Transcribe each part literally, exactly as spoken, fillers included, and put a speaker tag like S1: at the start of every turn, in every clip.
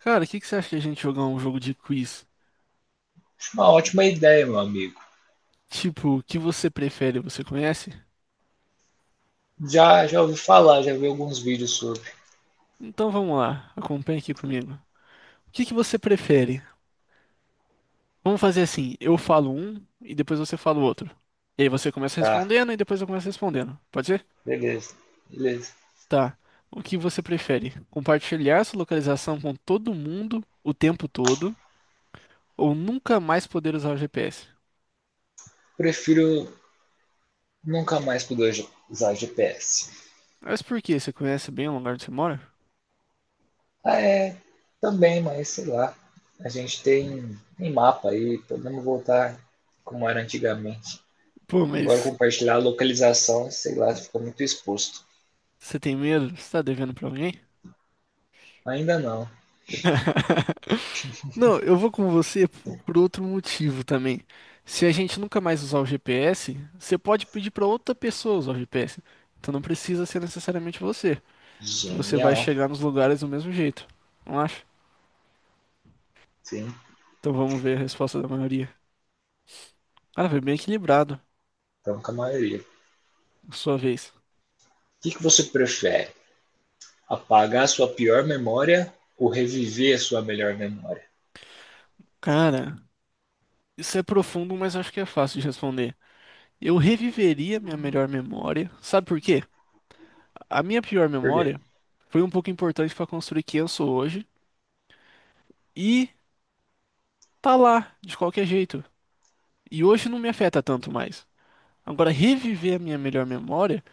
S1: Cara, o que que você acha de a gente jogar um jogo de quiz?
S2: Acho uma ótima ideia, meu amigo.
S1: Tipo, o que você prefere, você conhece?
S2: Já, já ouvi falar, já vi alguns vídeos sobre.
S1: Então vamos lá, acompanha aqui comigo. O que que você prefere? Vamos fazer assim, eu falo um e depois você fala o outro. E aí você começa
S2: Tá,
S1: respondendo e depois eu começo respondendo. Pode ser?
S2: beleza, beleza.
S1: Tá. O que você prefere? Compartilhar sua localização com todo mundo o tempo todo ou nunca mais poder usar o G P S?
S2: Prefiro nunca mais poder usar G P S.
S1: Mas por quê? Você conhece bem o lugar onde você mora?
S2: Ah, é, também, mas sei lá. A gente tem, tem mapa aí, podemos voltar como era antigamente.
S1: Pô,
S2: Agora
S1: mas
S2: compartilhar a localização, sei lá, ficou muito exposto.
S1: você tem medo? Você tá devendo pra alguém?
S2: Ainda não.
S1: Não, eu vou com você por outro motivo também. Se a gente nunca mais usar o G P S, você pode pedir para outra pessoa usar o G P S. Então não precisa ser necessariamente você, que você vai
S2: Genial.
S1: chegar nos lugares do mesmo jeito. Não acha?
S2: Sim,
S1: Então vamos ver a resposta da maioria. Ah, foi bem equilibrado.
S2: estamos com a maioria. O
S1: sua vez.
S2: que, que você prefere? Apagar a sua pior memória ou reviver a sua melhor memória?
S1: Cara, isso é profundo, mas acho que é fácil de responder. Eu reviveria minha melhor memória. Sabe por quê? A minha pior
S2: Por quê?
S1: memória foi um pouco importante para construir quem eu sou hoje. E tá lá, de qualquer jeito. E hoje não me afeta tanto mais. Agora, reviver a minha melhor memória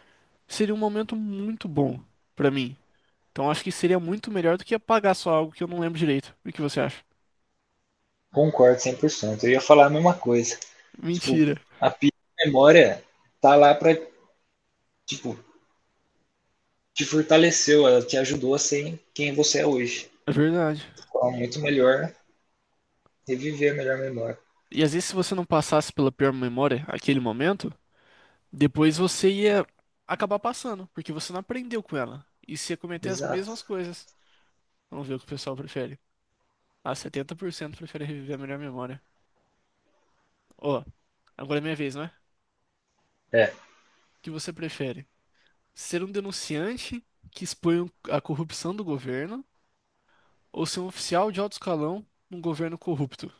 S1: seria um momento muito bom pra mim. Então, acho que seria muito melhor do que apagar só algo que eu não lembro direito. O que você acha?
S2: Concordo cem por cento. Eu ia falar a mesma coisa. Tipo,
S1: Mentira.
S2: a pior memória tá lá pra, tipo, te fortaleceu, ela te ajudou a ser quem você é hoje.
S1: É verdade.
S2: Então, é muito melhor reviver a melhor memória.
S1: E às vezes, se você não passasse pela pior memória, aquele momento, depois você ia acabar passando, porque você não aprendeu com ela. E você ia cometer as
S2: Exato.
S1: mesmas coisas. Vamos ver o que o pessoal prefere. Ah, setenta por cento prefere reviver a melhor memória. Ó, agora é minha vez, né? O
S2: É,
S1: que você prefere? Ser um denunciante que expõe a corrupção do governo ou ser um oficial de alto escalão num governo corrupto?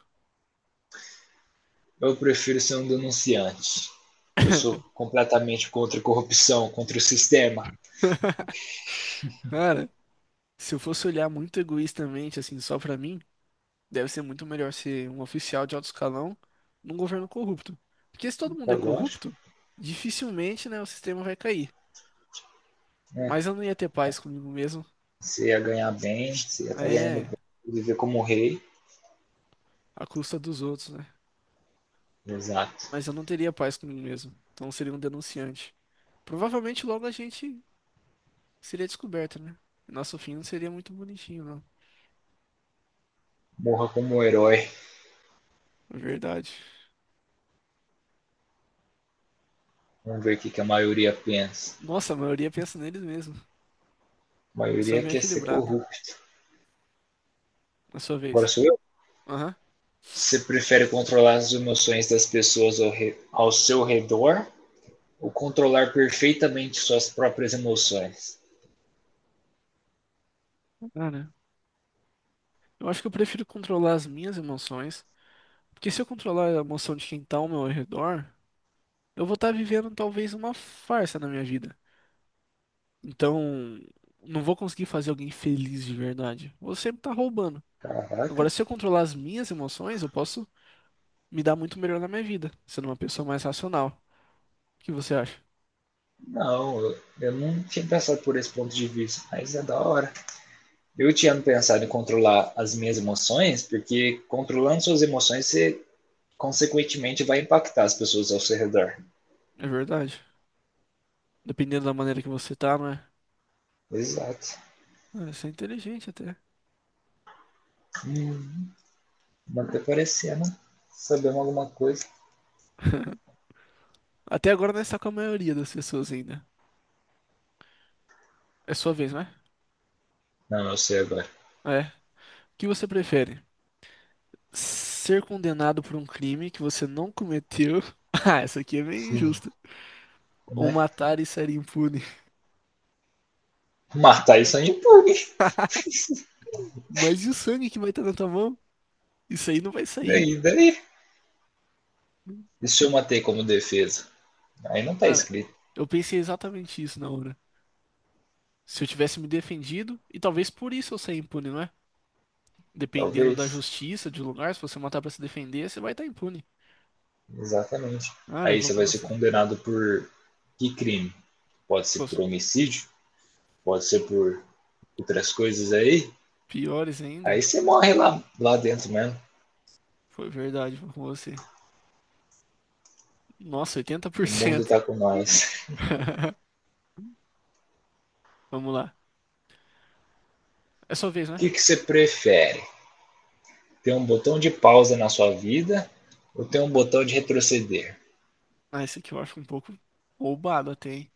S2: eu prefiro ser um denunciante. Eu sou completamente contra a corrupção, contra o sistema.
S1: Cara, se eu fosse olhar muito egoístamente, assim, só pra mim, deve ser muito melhor ser um oficial de alto escalão num governo corrupto. Porque se todo mundo
S2: É
S1: é
S2: lógico,
S1: corrupto, dificilmente, né, o sistema vai cair.
S2: né?
S1: Mas eu não ia ter paz comigo mesmo.
S2: Você ia ganhar bem, você ia estar ganhando
S1: É,
S2: bem, viver como um rei.
S1: à custa dos outros, né?
S2: Exato.
S1: Mas eu não teria paz comigo mesmo. Então eu seria um denunciante. Provavelmente logo a gente Seria descoberto, né? Nosso fim não seria muito bonitinho, não.
S2: Morra como um herói.
S1: É verdade.
S2: Vamos ver o que, a maioria pensa.
S1: Nossa, a maioria pensa neles mesmo.
S2: A
S1: Eu sou
S2: maioria
S1: bem
S2: quer ser
S1: equilibrado.
S2: corrupto.
S1: Na sua
S2: Agora
S1: vez.
S2: sou eu?
S1: Aham.
S2: Você prefere controlar as emoções das pessoas ao, re- ao seu redor ou controlar perfeitamente suas próprias emoções?
S1: Ah, né? eu acho que eu prefiro controlar as minhas emoções. Porque se eu controlar a emoção de quem tá ao meu redor, eu vou estar vivendo talvez uma farsa na minha vida. Então, não vou conseguir fazer alguém feliz de verdade. Vou sempre estar roubando.
S2: Caraca,
S1: Agora, se eu controlar as minhas emoções, eu posso me dar muito melhor na minha vida, sendo uma pessoa mais racional. O que você acha?
S2: não, eu- eu não tinha pensado por esse ponto de vista, mas é da hora. Eu tinha pensado em controlar as minhas emoções, porque controlando suas emoções, você consequentemente vai impactar as pessoas ao seu redor.
S1: É verdade? Dependendo da maneira que você tá, não é?
S2: Exato.
S1: Ah, Isso é inteligente até.
S2: Hum, Manter parecendo. Sabemos alguma coisa.
S1: Até agora não está com a maioria das pessoas ainda. É sua vez, não é?
S2: Não, eu sei agora.
S1: É. O que você prefere? Ser condenado por um crime que você não cometeu. Ah, essa aqui é bem
S2: Sim.
S1: injusta. Ou
S2: Né?
S1: matar e sair impune.
S2: Matar isso aí pune.
S1: Mas e o sangue que vai estar na tua mão? Isso aí não vai sair.
S2: Daí, daí. E se eu matei como defesa? Aí não tá
S1: Cara,
S2: escrito.
S1: eu pensei exatamente isso na hora. Se eu tivesse me defendido, e talvez por isso eu saia impune, não é? Dependendo da
S2: Talvez.
S1: justiça, de lugar, se você matar pra se defender, você vai estar impune.
S2: Exatamente.
S1: Cara, eu
S2: Aí
S1: vou
S2: você
S1: com
S2: vai ser
S1: você.
S2: condenado por que crime? Pode ser
S1: Pô,
S2: por
S1: os
S2: homicídio? Pode ser por outras coisas aí?
S1: piores ainda?
S2: Aí você morre lá, lá dentro mesmo.
S1: Foi verdade, vou com você. Nossa, oitenta por
S2: O mundo
S1: cento.
S2: tá com nós.
S1: Vamos lá. É sua vez,
S2: O
S1: né?
S2: que, que você prefere? Ter um botão de pausa na sua vida ou ter um botão de retroceder?
S1: Ah, esse aqui eu acho um pouco roubado até, hein?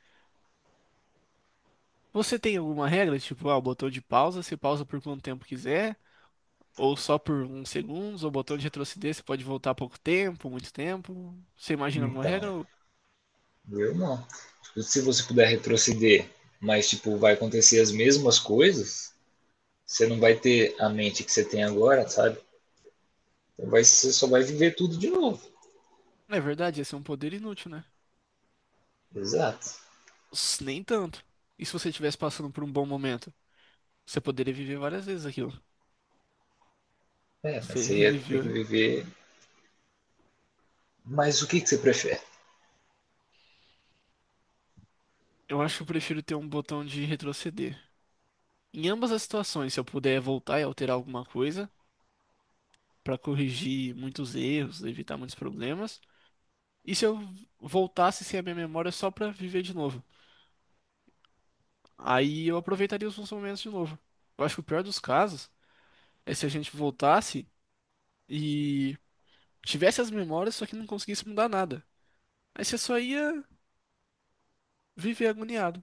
S1: Você tem alguma regra? Tipo, ah, o botão de pausa, você pausa por quanto tempo quiser, ou só por uns segundos, ou o botão de retroceder, você pode voltar pouco tempo, muito tempo. Você imagina alguma
S2: Então,
S1: regra? Ou...
S2: eu não. Tipo, se você puder retroceder, mas tipo, vai acontecer as mesmas coisas, você não vai ter a mente que você tem agora, sabe? Então, vai, você só vai viver tudo de novo.
S1: Não é verdade, ia ser um poder inútil, né?
S2: Exato.
S1: Ups, Nem tanto. E se você estivesse passando por um bom momento? Você poderia viver várias vezes aquilo.
S2: É, mas
S1: Você
S2: você ia ter
S1: reviveu,
S2: que viver. Mas o que, que você prefere?
S1: Eu acho que eu prefiro ter um botão de retroceder. Em ambas as situações, se eu puder voltar e alterar alguma coisa pra corrigir muitos erros, evitar muitos problemas. E se eu voltasse sem a minha memória só pra viver de novo? Aí eu aproveitaria os bons momentos de novo. Eu acho que o pior dos casos é se a gente voltasse e tivesse as memórias, só que não conseguisse mudar nada. Aí você só ia viver agoniado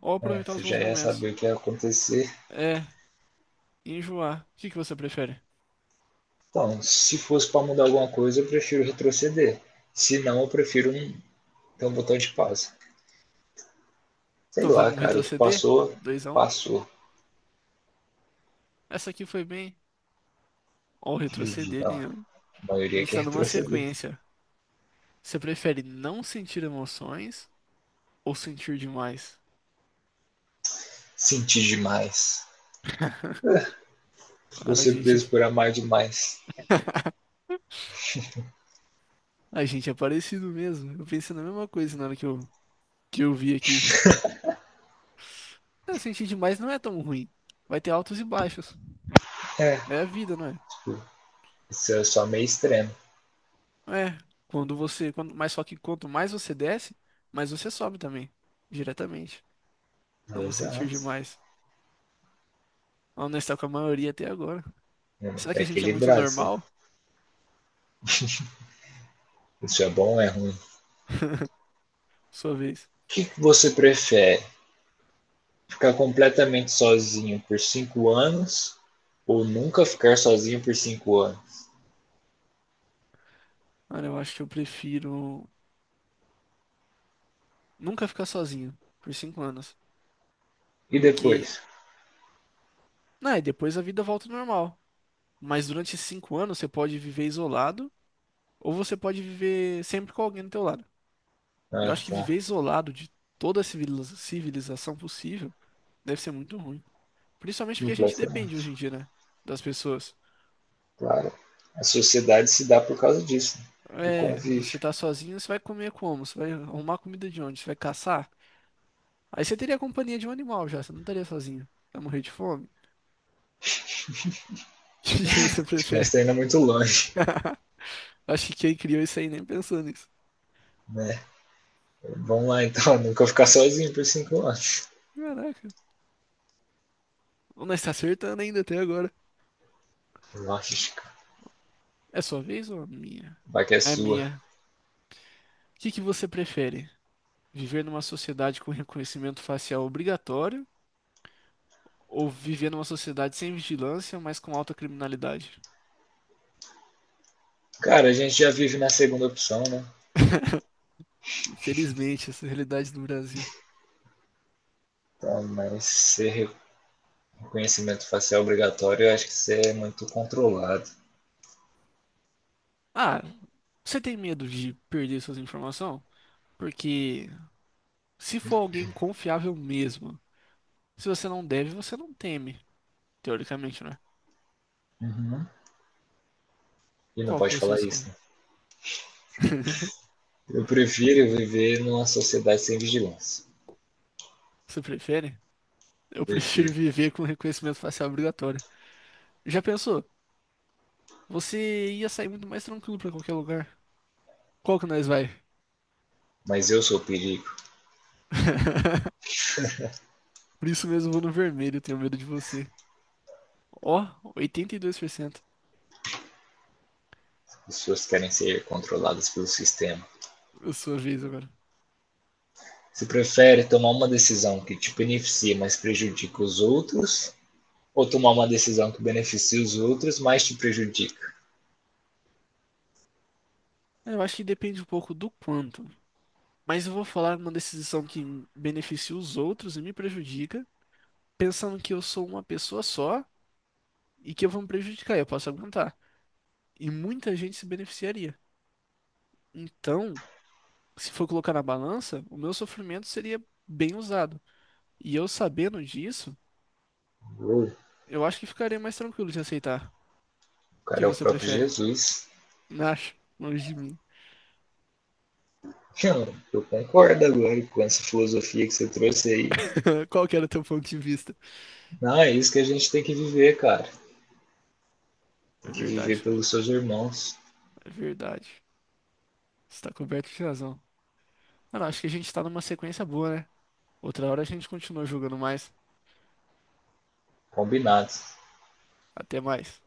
S1: ou
S2: É,
S1: aproveitar
S2: você
S1: os
S2: já
S1: bons
S2: ia
S1: momentos.
S2: saber o que ia acontecer.
S1: É, enjoar. O que que você prefere?
S2: Então, se fosse para mudar alguma coisa, eu prefiro retroceder. Se não, eu prefiro um, ter um botão de pausa. Sei
S1: Então
S2: lá,
S1: vamos
S2: cara, o que
S1: retroceder?
S2: passou,
S1: Dois, x um.
S2: passou.
S1: Essa aqui foi bem. Ó,
S2: Dividir,
S1: retroceder
S2: tá?
S1: ganhando.
S2: A
S1: A
S2: maioria
S1: gente tá
S2: quer
S1: numa
S2: retroceder.
S1: sequência. Você prefere não sentir emoções ou sentir demais?
S2: Sentir demais. Vou
S1: Cara, a
S2: ser
S1: gente,
S2: preso por amar demais.
S1: a gente é parecido mesmo. Eu pensei na mesma coisa na hora que eu, que eu vi aqui. Ah, sentir demais não é tão ruim. Vai ter altos e baixos.
S2: É,
S1: É a vida, não é?
S2: tipo, isso é só meio extremo.
S1: É. Quando você. Quando, mas só que quanto mais você desce, mais você sobe também. Diretamente. Vamos sentir
S2: Exato.
S1: demais. Vamos estar com a maioria até agora. Será
S2: É é
S1: que a gente é muito
S2: equilibrado. Isso.
S1: normal?
S2: Isso é bom ou é ruim?
S1: Sua vez.
S2: O que, você prefere? Ficar completamente sozinho por cinco anos ou nunca ficar sozinho por cinco anos?
S1: Cara, eu acho que eu prefiro nunca ficar sozinho por cinco anos.
S2: E
S1: Porque,
S2: depois?
S1: né, depois a vida volta ao normal. Mas durante esses cinco anos você pode viver isolado ou você pode viver sempre com alguém do teu lado. Eu
S2: Ah,
S1: acho que
S2: tá.
S1: viver isolado de toda a civili- civilização possível deve ser muito ruim. Principalmente porque a gente depende
S2: Completamente.
S1: hoje em dia, né? Das pessoas.
S2: Claro. A sociedade se dá por causa disso, né? Do
S1: É, você
S2: convívio.
S1: tá sozinho, você vai comer como? Você vai arrumar comida de onde? Você vai caçar? Aí você teria a companhia de um animal já, você não estaria sozinho. Vai morrer de fome? O que que você
S2: Acho que nós
S1: prefere?
S2: estamos ainda muito longe,
S1: Acho que quem criou isso aí nem pensou nisso.
S2: né? Vamos lá, então. Nunca ficar sozinho por cinco anos.
S1: Caraca. Nós tá acertando ainda até agora.
S2: Lógico.
S1: É sua vez ou a minha?
S2: Vai que é
S1: É a
S2: sua.
S1: minha. O que que você prefere? Viver numa sociedade com reconhecimento facial obrigatório ou viver numa sociedade sem vigilância, mas com alta criminalidade?
S2: Cara, a gente já vive na segunda opção, né?
S1: Infelizmente, essa é a realidade do Brasil.
S2: Então, mas ser reconhecimento facial obrigatório, eu acho que isso é muito controlado.
S1: Ah, você tem medo de perder suas informações? Porque se for alguém confiável mesmo, se você não deve, você não teme, teoricamente, né?
S2: Uhum. E não
S1: Qual que
S2: pode
S1: você
S2: falar
S1: escolhe?
S2: isso, né? Eu prefiro viver numa sociedade sem vigilância.
S1: Você prefere? Eu prefiro
S2: Prefiro.
S1: viver com reconhecimento facial obrigatório. Já pensou? Você ia sair muito mais tranquilo pra qualquer lugar. Qual que nós vai?
S2: Mas eu sou o perigo.
S1: Por isso mesmo eu vou no vermelho, eu tenho medo de você. Ó, oitenta e dois por cento.
S2: As pessoas querem ser controladas pelo sistema.
S1: A sua vez agora.
S2: Você prefere tomar uma decisão que te beneficia, mas prejudica os outros? Ou tomar uma decisão que beneficia os outros, mas te prejudica?
S1: Eu acho que depende um pouco do quanto. Mas eu vou falar uma decisão que beneficia os outros e me prejudica, pensando que eu sou uma pessoa só e que eu vou me prejudicar, eu posso aguentar. E muita gente se beneficiaria. Então, se for colocar na balança, o meu sofrimento seria bem usado. E eu sabendo disso,
S2: Uou, o
S1: eu acho que ficaria mais tranquilo de aceitar. O que
S2: cara é o
S1: você
S2: próprio
S1: prefere?
S2: Jesus.
S1: Não acho, longe de mim.
S2: Cara, eu concordo agora com essa filosofia que você trouxe aí.
S1: Qual que era o teu ponto de vista?
S2: Não, é isso que a gente tem que viver, cara.
S1: É
S2: Tem que
S1: verdade,
S2: viver
S1: cara.
S2: pelos seus irmãos.
S1: É verdade. Você tá coberto de razão. Mano, acho que a gente tá numa sequência boa, né? Outra hora a gente continua jogando mais.
S2: Combinado.
S1: Até mais.